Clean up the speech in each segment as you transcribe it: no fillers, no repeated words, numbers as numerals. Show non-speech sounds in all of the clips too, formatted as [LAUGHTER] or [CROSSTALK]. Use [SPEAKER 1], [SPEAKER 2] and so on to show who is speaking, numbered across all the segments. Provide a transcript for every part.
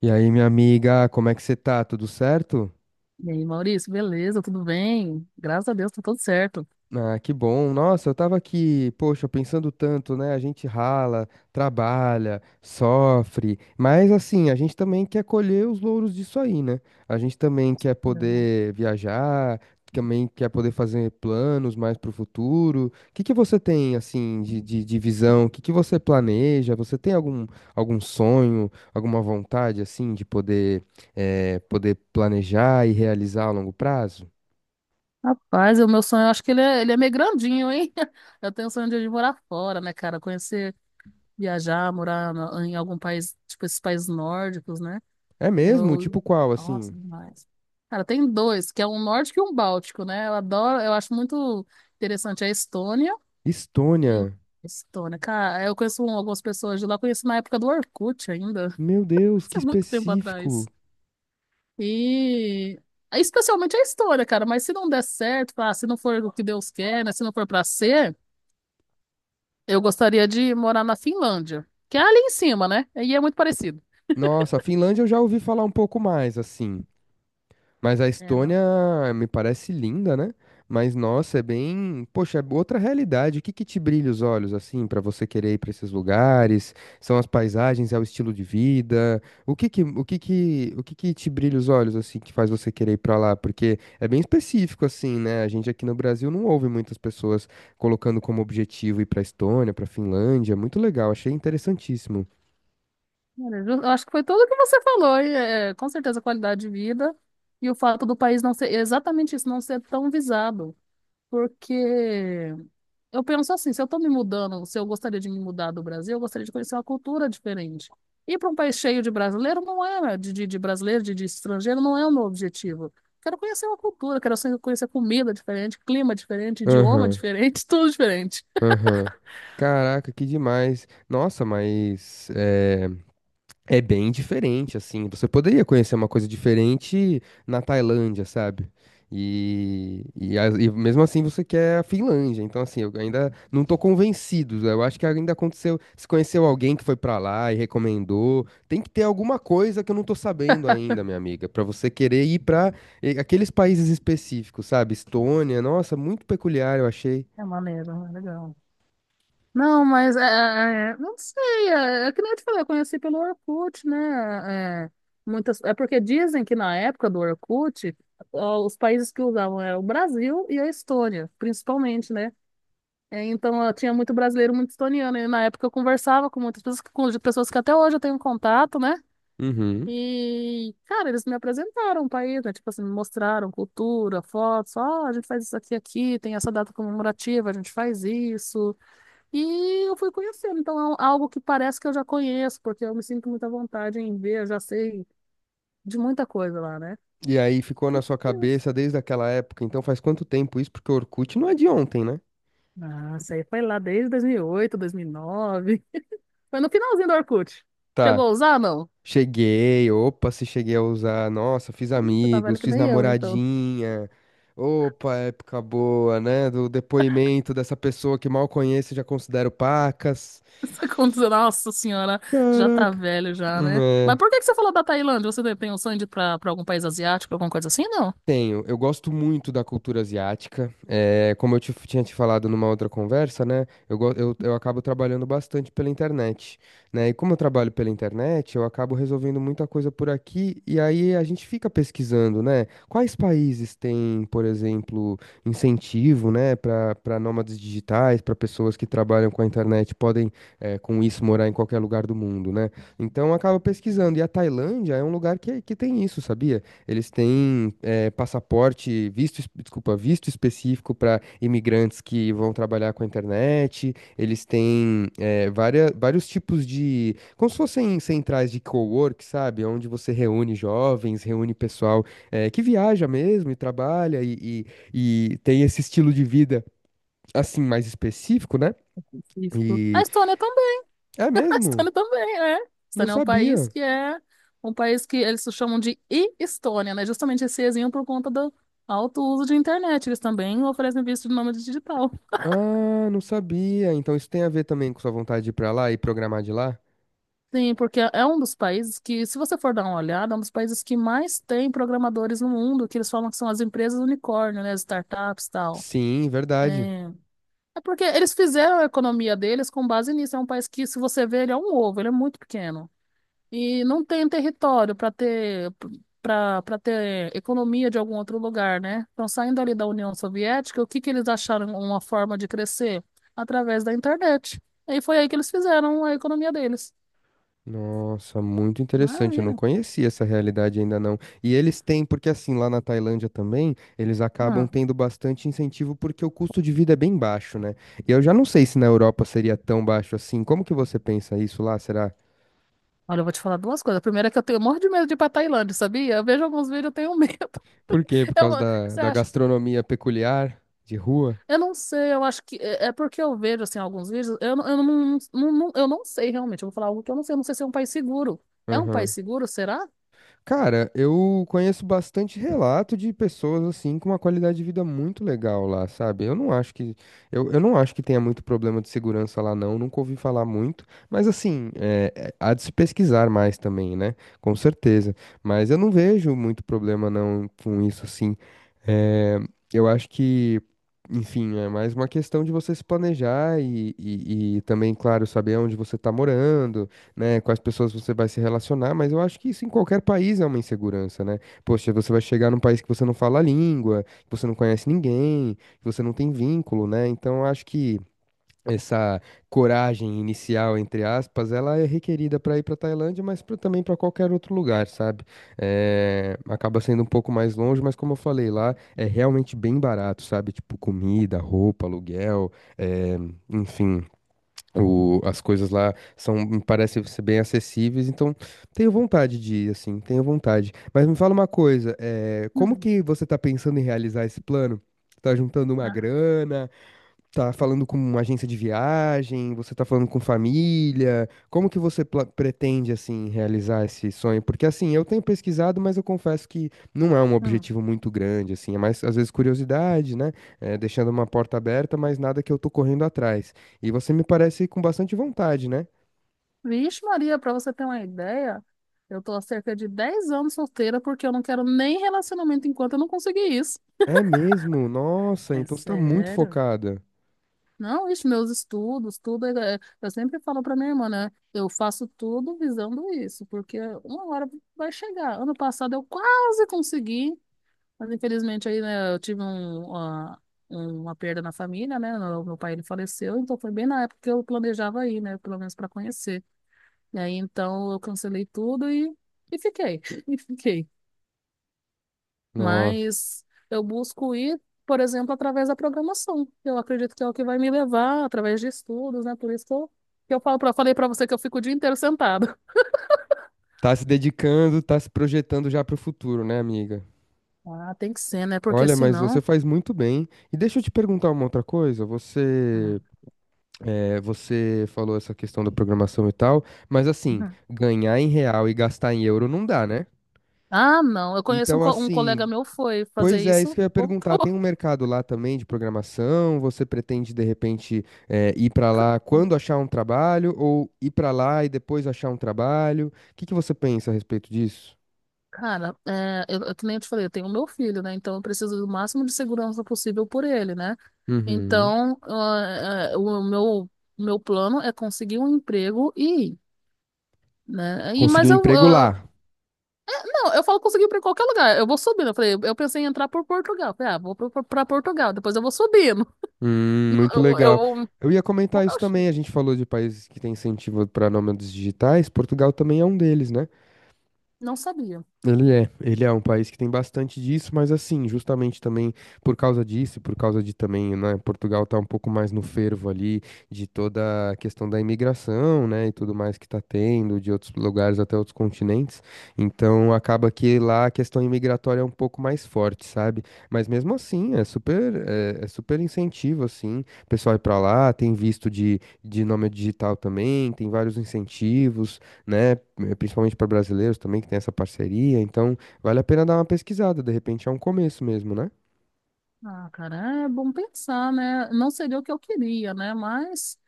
[SPEAKER 1] E aí, minha amiga, como é que você tá? Tudo certo?
[SPEAKER 2] E aí, Maurício, beleza? Tudo bem? Graças a Deus, tá tudo certo.
[SPEAKER 1] Ah, que bom. Nossa, eu tava aqui, poxa, pensando tanto, né? A gente rala, trabalha, sofre, mas assim, a gente também quer colher os louros disso aí, né? A gente também quer
[SPEAKER 2] Uhum.
[SPEAKER 1] poder viajar, também quer poder fazer planos mais pro futuro. O que que você tem, assim, de visão? O que que você planeja? Você tem algum, algum sonho, alguma vontade, assim, de poder, poder planejar e realizar a longo prazo?
[SPEAKER 2] Rapaz, o meu sonho, eu acho que ele é meio grandinho, hein? [LAUGHS] Eu tenho o sonho de morar fora, né, cara? Conhecer, viajar, morar na- em algum país, tipo esses países nórdicos, né?
[SPEAKER 1] É mesmo? Tipo
[SPEAKER 2] Eu.
[SPEAKER 1] qual, assim?
[SPEAKER 2] Nossa, demais. Cara, tem dois, que é um nórdico e um báltico, né? Eu adoro, eu acho muito interessante a Estônia e.
[SPEAKER 1] Estônia.
[SPEAKER 2] Estônia, cara, eu conheço um, algumas pessoas de lá, conheço na época do Orkut ainda.
[SPEAKER 1] Meu
[SPEAKER 2] [LAUGHS]
[SPEAKER 1] Deus,
[SPEAKER 2] Isso
[SPEAKER 1] que
[SPEAKER 2] é muito tempo
[SPEAKER 1] específico.
[SPEAKER 2] atrás. E é especialmente a história, cara, mas se não der certo, ah, se não for o que Deus quer, né? Se não for pra ser, eu gostaria de morar na Finlândia, que é ali em cima, né? E é muito parecido.
[SPEAKER 1] Nossa, a Finlândia eu já ouvi falar um pouco mais, assim. Mas a
[SPEAKER 2] É,
[SPEAKER 1] Estônia
[SPEAKER 2] não.
[SPEAKER 1] me parece linda, né? Mas nossa, é bem, poxa, é outra realidade. O que que te brilha os olhos assim pra você querer ir pra esses lugares? São as paisagens, é o estilo de vida? O que que, o que que, o que que te brilha os olhos assim que faz você querer ir pra lá? Porque é bem específico assim, né? A gente aqui no Brasil não ouve muitas pessoas colocando como objetivo ir pra Estônia, pra Finlândia. Muito legal, achei interessantíssimo.
[SPEAKER 2] Olha, eu acho que foi tudo o que você falou, e, é, com certeza a qualidade de vida e o fato do país não ser exatamente isso, não ser tão visado. Porque eu penso assim, se eu estou me mudando, se eu gostaria de me mudar do Brasil, eu gostaria de conhecer uma cultura diferente. Ir para um país cheio de brasileiro não é, de brasileiro, de estrangeiro, não é o meu objetivo. Quero conhecer uma cultura, quero ser- conhecer comida diferente, clima diferente, idioma
[SPEAKER 1] Aham,
[SPEAKER 2] diferente, [LAUGHS] tudo diferente.
[SPEAKER 1] aham. Caraca, que demais. Nossa, mas é bem diferente, assim. Você poderia conhecer uma coisa diferente na Tailândia, sabe? E mesmo assim você quer a Finlândia. Então, assim, eu ainda não tô convencido. Eu acho que ainda aconteceu. Se conheceu alguém que foi pra lá e recomendou, tem que ter alguma coisa que eu não tô sabendo ainda, minha amiga, pra você querer ir pra aqueles países específicos, sabe? Estônia, nossa, muito peculiar, eu achei.
[SPEAKER 2] É maneiro, é legal. Não, mas é, é, não sei, é, é que nem eu te falei, eu conheci pelo Orkut, né? É, muitas, é porque dizem que na época do Orkut, ó, os países que usavam eram o Brasil e a Estônia, principalmente, né? É, então ó, tinha muito brasileiro, muito estoniano, e na época eu conversava com muitas pessoas, com pessoas que até hoje eu tenho um contato, né?
[SPEAKER 1] Uhum.
[SPEAKER 2] E, cara, eles me apresentaram o país, né? Tipo assim, me mostraram cultura, fotos, ó, a gente faz isso aqui, aqui, tem essa data comemorativa, a gente faz isso. E eu fui conhecendo, então é um, algo que parece que eu já conheço, porque eu me sinto muita vontade em ver, eu já sei de muita coisa lá, né?
[SPEAKER 1] E aí ficou na sua
[SPEAKER 2] Mas,
[SPEAKER 1] cabeça desde aquela época. Então, faz quanto tempo isso? Porque o Orkut não é de ontem, né?
[SPEAKER 2] nossa, aí foi lá desde 2008, 2009, [LAUGHS] foi no finalzinho do Orkut. Chegou
[SPEAKER 1] Tá.
[SPEAKER 2] a usar, não?
[SPEAKER 1] Cheguei, opa, se cheguei a usar, nossa, fiz
[SPEAKER 2] Ih, você tá velho
[SPEAKER 1] amigos,
[SPEAKER 2] que
[SPEAKER 1] fiz
[SPEAKER 2] nem eu, então.
[SPEAKER 1] namoradinha. Opa, época boa, né? Do depoimento dessa pessoa que mal conheço e já considero pacas.
[SPEAKER 2] [LAUGHS] Tá acontecendo, nossa senhora, já tá
[SPEAKER 1] Caraca.
[SPEAKER 2] velho já, né? Mas
[SPEAKER 1] Né.
[SPEAKER 2] por que que você falou da Tailândia? Você tem um sonho de ir pra algum país asiático, alguma coisa assim, não?
[SPEAKER 1] Tenho, eu gosto muito da cultura asiática. É, como eu tinha te falado numa outra conversa, né? Eu acabo trabalhando bastante pela internet, né? E como eu trabalho pela internet, eu acabo resolvendo muita coisa por aqui. E aí a gente fica pesquisando, né? Quais países têm, por exemplo, incentivo, né? Para nômades digitais, para pessoas que trabalham com a internet, podem, com isso, morar em qualquer lugar do mundo, né? Então eu acabo pesquisando. E a Tailândia é um lugar que tem isso, sabia? Eles têm é passaporte, visto, desculpa, visto específico para imigrantes que vão trabalhar com a internet. Eles têm vários tipos de, como se fossem centrais de cowork, sabe? Onde você reúne jovens, reúne pessoal que viaja mesmo e trabalha e tem esse estilo de vida assim mais específico, né?
[SPEAKER 2] Específico. A
[SPEAKER 1] E
[SPEAKER 2] Estônia.
[SPEAKER 1] é
[SPEAKER 2] [LAUGHS] A
[SPEAKER 1] mesmo?
[SPEAKER 2] Estônia também, né? A
[SPEAKER 1] Não
[SPEAKER 2] Estônia é um país
[SPEAKER 1] sabia.
[SPEAKER 2] que é um país que eles chamam de e-Estônia, né? Justamente esse ezinho por conta do alto uso de internet. Eles também oferecem visto de nômade digital.
[SPEAKER 1] Ah, não sabia. Então isso tem a ver também com sua vontade de ir pra lá e programar de lá?
[SPEAKER 2] Sim, porque é um dos países que, se você for dar uma olhada, é um dos países que mais tem programadores no mundo, que eles falam que são as empresas unicórnio, né? As startups e tal.
[SPEAKER 1] Sim, verdade.
[SPEAKER 2] É... é porque eles fizeram a economia deles com base nisso. É um país que, se você vê, ele é um ovo, ele é muito pequeno. E não tem território para ter para ter economia de algum outro lugar, né? Então, saindo ali da União Soviética, o que que eles acharam uma forma de crescer? Através da internet. E foi aí que eles fizeram a economia deles.
[SPEAKER 1] Nossa, muito interessante. Eu não
[SPEAKER 2] Maravilha.
[SPEAKER 1] conhecia essa realidade ainda não. E eles têm, porque assim, lá na Tailândia também, eles acabam
[SPEAKER 2] Hum.
[SPEAKER 1] tendo bastante incentivo porque o custo de vida é bem baixo, né? E eu já não sei se na Europa seria tão baixo assim. Como que você pensa isso lá? Será?
[SPEAKER 2] Olha, eu vou te falar duas coisas. A primeira é que eu tenho morro de medo de ir pra Tailândia, sabia? Eu vejo alguns vídeos, eu tenho medo.
[SPEAKER 1] Por quê?
[SPEAKER 2] [LAUGHS]
[SPEAKER 1] Por
[SPEAKER 2] Eu,
[SPEAKER 1] causa da,
[SPEAKER 2] você
[SPEAKER 1] da
[SPEAKER 2] acha?
[SPEAKER 1] gastronomia peculiar de rua?
[SPEAKER 2] Eu não sei, eu acho que é porque eu vejo assim alguns vídeos, eu, não- eu não, eu não sei realmente, eu vou falar algo que eu não sei se é um país seguro. É um país
[SPEAKER 1] Aham.
[SPEAKER 2] seguro, será?
[SPEAKER 1] Cara, eu conheço bastante relato de pessoas assim com uma qualidade de vida muito legal lá, sabe? Eu não acho que tenha muito problema de segurança lá não, nunca ouvi falar muito, mas assim, há de se pesquisar mais também, né? Com certeza. Mas eu não vejo muito problema não com isso assim. É, eu acho que enfim, é mais uma questão de você se planejar e também, claro, saber onde você está morando, né, com as pessoas você vai se relacionar, mas eu acho que isso em qualquer país é uma insegurança, né? Poxa, você vai chegar num país que você não fala a língua, que você não conhece ninguém, que você não tem vínculo, né? Então eu acho que essa coragem inicial, entre aspas, ela é requerida para ir para Tailândia, mas também para qualquer outro lugar, sabe? É, acaba sendo um pouco mais longe, mas como eu falei lá, é realmente bem barato, sabe? Tipo comida, roupa, aluguel, é, enfim, as coisas lá são, me parecem ser bem acessíveis, então tenho vontade de ir, assim, tenho vontade. Mas me fala uma coisa, é, como que você está pensando em realizar esse plano? Tá juntando uma
[SPEAKER 2] Ah,
[SPEAKER 1] grana? Tá falando com uma agência de viagem? Você tá falando com família? Como que você pretende, assim, realizar esse sonho? Porque, assim, eu tenho pesquisado, mas eu confesso que não é um
[SPEAKER 2] hum.
[SPEAKER 1] objetivo muito grande, assim. É mais, às vezes, curiosidade, né? É, deixando uma porta aberta, mas nada que eu tô correndo atrás. E você me parece com bastante vontade, né?
[SPEAKER 2] Vixe, Maria, pra você ter uma ideia, eu tô há cerca de 10 anos solteira porque eu não quero nem relacionamento enquanto eu não conseguir isso.
[SPEAKER 1] É mesmo? Nossa,
[SPEAKER 2] É
[SPEAKER 1] então você tá muito
[SPEAKER 2] sério?
[SPEAKER 1] focada.
[SPEAKER 2] Não, isso, meus estudos, tudo. É- é- Eu sempre falo pra minha irmã, né? Eu faço tudo visando isso, porque uma hora vai chegar. Ano passado eu quase consegui, mas infelizmente aí, né, eu tive um, uma perda na família, né? Meu pai ele faleceu, então foi bem na época que eu planejava ir, né? Pelo menos para conhecer. E aí então eu cancelei tudo e fiquei, [LAUGHS] e fiquei.
[SPEAKER 1] Nossa,
[SPEAKER 2] Mas eu busco ir, por exemplo, através da programação. Eu acredito que é o que vai me levar, através de estudos, né? Por isso que eu falo pra, falei pra você que eu fico o dia inteiro sentado. [LAUGHS]
[SPEAKER 1] tá se dedicando, tá se projetando já pro futuro, né, amiga?
[SPEAKER 2] Ah, tem que ser, né? Porque
[SPEAKER 1] Olha, mas você
[SPEAKER 2] senão.
[SPEAKER 1] faz muito bem. E deixa eu te perguntar uma outra coisa. Você, é, você falou essa questão da programação e tal, mas assim, ganhar em real e gastar em euro não dá, né?
[SPEAKER 2] Ah, não. Eu conheço um,
[SPEAKER 1] Então,
[SPEAKER 2] co- um colega
[SPEAKER 1] assim,
[SPEAKER 2] meu foi fazer
[SPEAKER 1] pois é, isso
[SPEAKER 2] isso,
[SPEAKER 1] que eu ia perguntar. Tem um
[SPEAKER 2] voltou.
[SPEAKER 1] mercado lá também de programação? Você pretende, de repente, é, ir pra lá quando achar um trabalho ou ir pra lá e depois achar um trabalho? O que que você pensa a respeito disso?
[SPEAKER 2] Cara, é, eu, que nem eu te falei, eu tenho o meu filho, né? Então eu preciso do máximo de segurança possível por ele, né?
[SPEAKER 1] Uhum.
[SPEAKER 2] Então, ah, ah, o meu, meu plano é conseguir um emprego e ir, né? E,
[SPEAKER 1] Conseguir um
[SPEAKER 2] mas
[SPEAKER 1] emprego
[SPEAKER 2] eu-
[SPEAKER 1] lá.
[SPEAKER 2] não, eu falo conseguir para qualquer lugar. Eu vou subindo. Eu falei, eu pensei em entrar por Portugal. Eu falei, ah, vou para Portugal, depois eu vou subindo. [LAUGHS]
[SPEAKER 1] Muito
[SPEAKER 2] Eu, eu,
[SPEAKER 1] legal.
[SPEAKER 2] eu,
[SPEAKER 1] Eu ia
[SPEAKER 2] eu
[SPEAKER 1] comentar isso também. A gente falou de países que têm incentivo para nômades digitais. Portugal também é um deles, né?
[SPEAKER 2] não sabia.
[SPEAKER 1] Ele é um país que tem bastante disso, mas assim, justamente também por causa disso, e por causa de também, né, Portugal tá um pouco mais no fervo ali de toda a questão da imigração, né, e tudo mais que tá tendo de outros lugares até outros continentes. Então acaba que lá a questão imigratória é um pouco mais forte, sabe? Mas mesmo assim, é super incentivo assim, o pessoal ir pra lá, tem visto de nome digital também, tem vários incentivos né? Principalmente para brasileiros também que tem essa parceria, então vale a pena dar uma pesquisada, de repente é um começo mesmo, né?
[SPEAKER 2] Ah, cara, é bom pensar, né? Não seria o que eu queria, né? Mas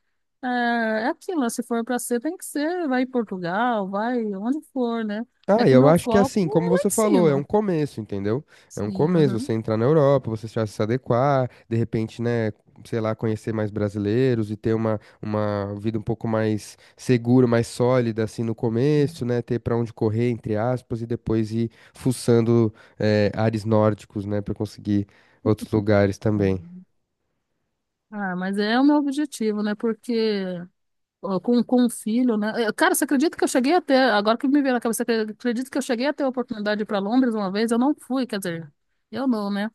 [SPEAKER 2] é, é aquilo, né? Se for para ser, tem que ser. Vai em Portugal, vai onde for, né? É
[SPEAKER 1] Ah,
[SPEAKER 2] que o
[SPEAKER 1] eu
[SPEAKER 2] meu
[SPEAKER 1] acho que
[SPEAKER 2] foco
[SPEAKER 1] assim, como
[SPEAKER 2] é lá
[SPEAKER 1] você
[SPEAKER 2] em
[SPEAKER 1] falou, é um
[SPEAKER 2] cima.
[SPEAKER 1] começo, entendeu? É um
[SPEAKER 2] Sim,
[SPEAKER 1] começo, você
[SPEAKER 2] uhum.
[SPEAKER 1] entrar na Europa, você já se adequar, de repente, né, sei lá, conhecer mais brasileiros e ter uma vida um pouco mais segura, mais sólida, assim, no começo, né, ter para onde correr, entre aspas, e depois ir fuçando, ares nórdicos, né, para conseguir outros lugares também.
[SPEAKER 2] Ah, mas é o meu objetivo, né? Porque ó, com um filho, né? Eh, cara, você acredita que eu cheguei até, agora que me veio na cabeça, você acredita que eu cheguei a ter a oportunidade de ir para Londres uma vez? Eu não fui, quer dizer, eu não, né?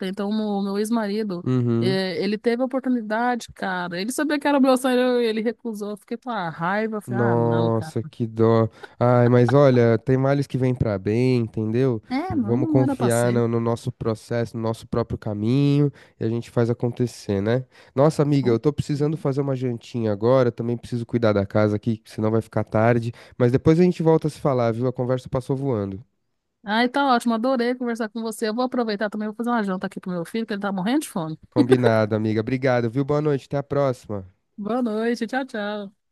[SPEAKER 2] Então, o meu ex-marido,
[SPEAKER 1] Uhum.
[SPEAKER 2] eh, ele teve a oportunidade, cara. Ele sabia que era meu sonho, ele recusou. Eu fiquei com a raiva, falei, ah, não, cara.
[SPEAKER 1] Nossa, que dó. Ai, mas olha, tem males que vêm pra bem, entendeu? E
[SPEAKER 2] É, não,
[SPEAKER 1] vamos
[SPEAKER 2] não era pra
[SPEAKER 1] confiar
[SPEAKER 2] ser.
[SPEAKER 1] no, no nosso processo, no nosso próprio caminho, e a gente faz acontecer, né? Nossa, amiga,
[SPEAKER 2] Bom.
[SPEAKER 1] eu tô precisando fazer uma jantinha agora, também preciso cuidar da casa aqui, que senão vai ficar tarde. Mas depois a gente volta a se falar, viu? A conversa passou voando.
[SPEAKER 2] Ah, então, ótimo, adorei conversar com você. Eu vou aproveitar também, vou fazer uma janta aqui pro meu filho, que ele tá morrendo de fome.
[SPEAKER 1] Combinado, amiga. Obrigado, viu? Boa noite, até a próxima.
[SPEAKER 2] Boa noite, tchau, tchau.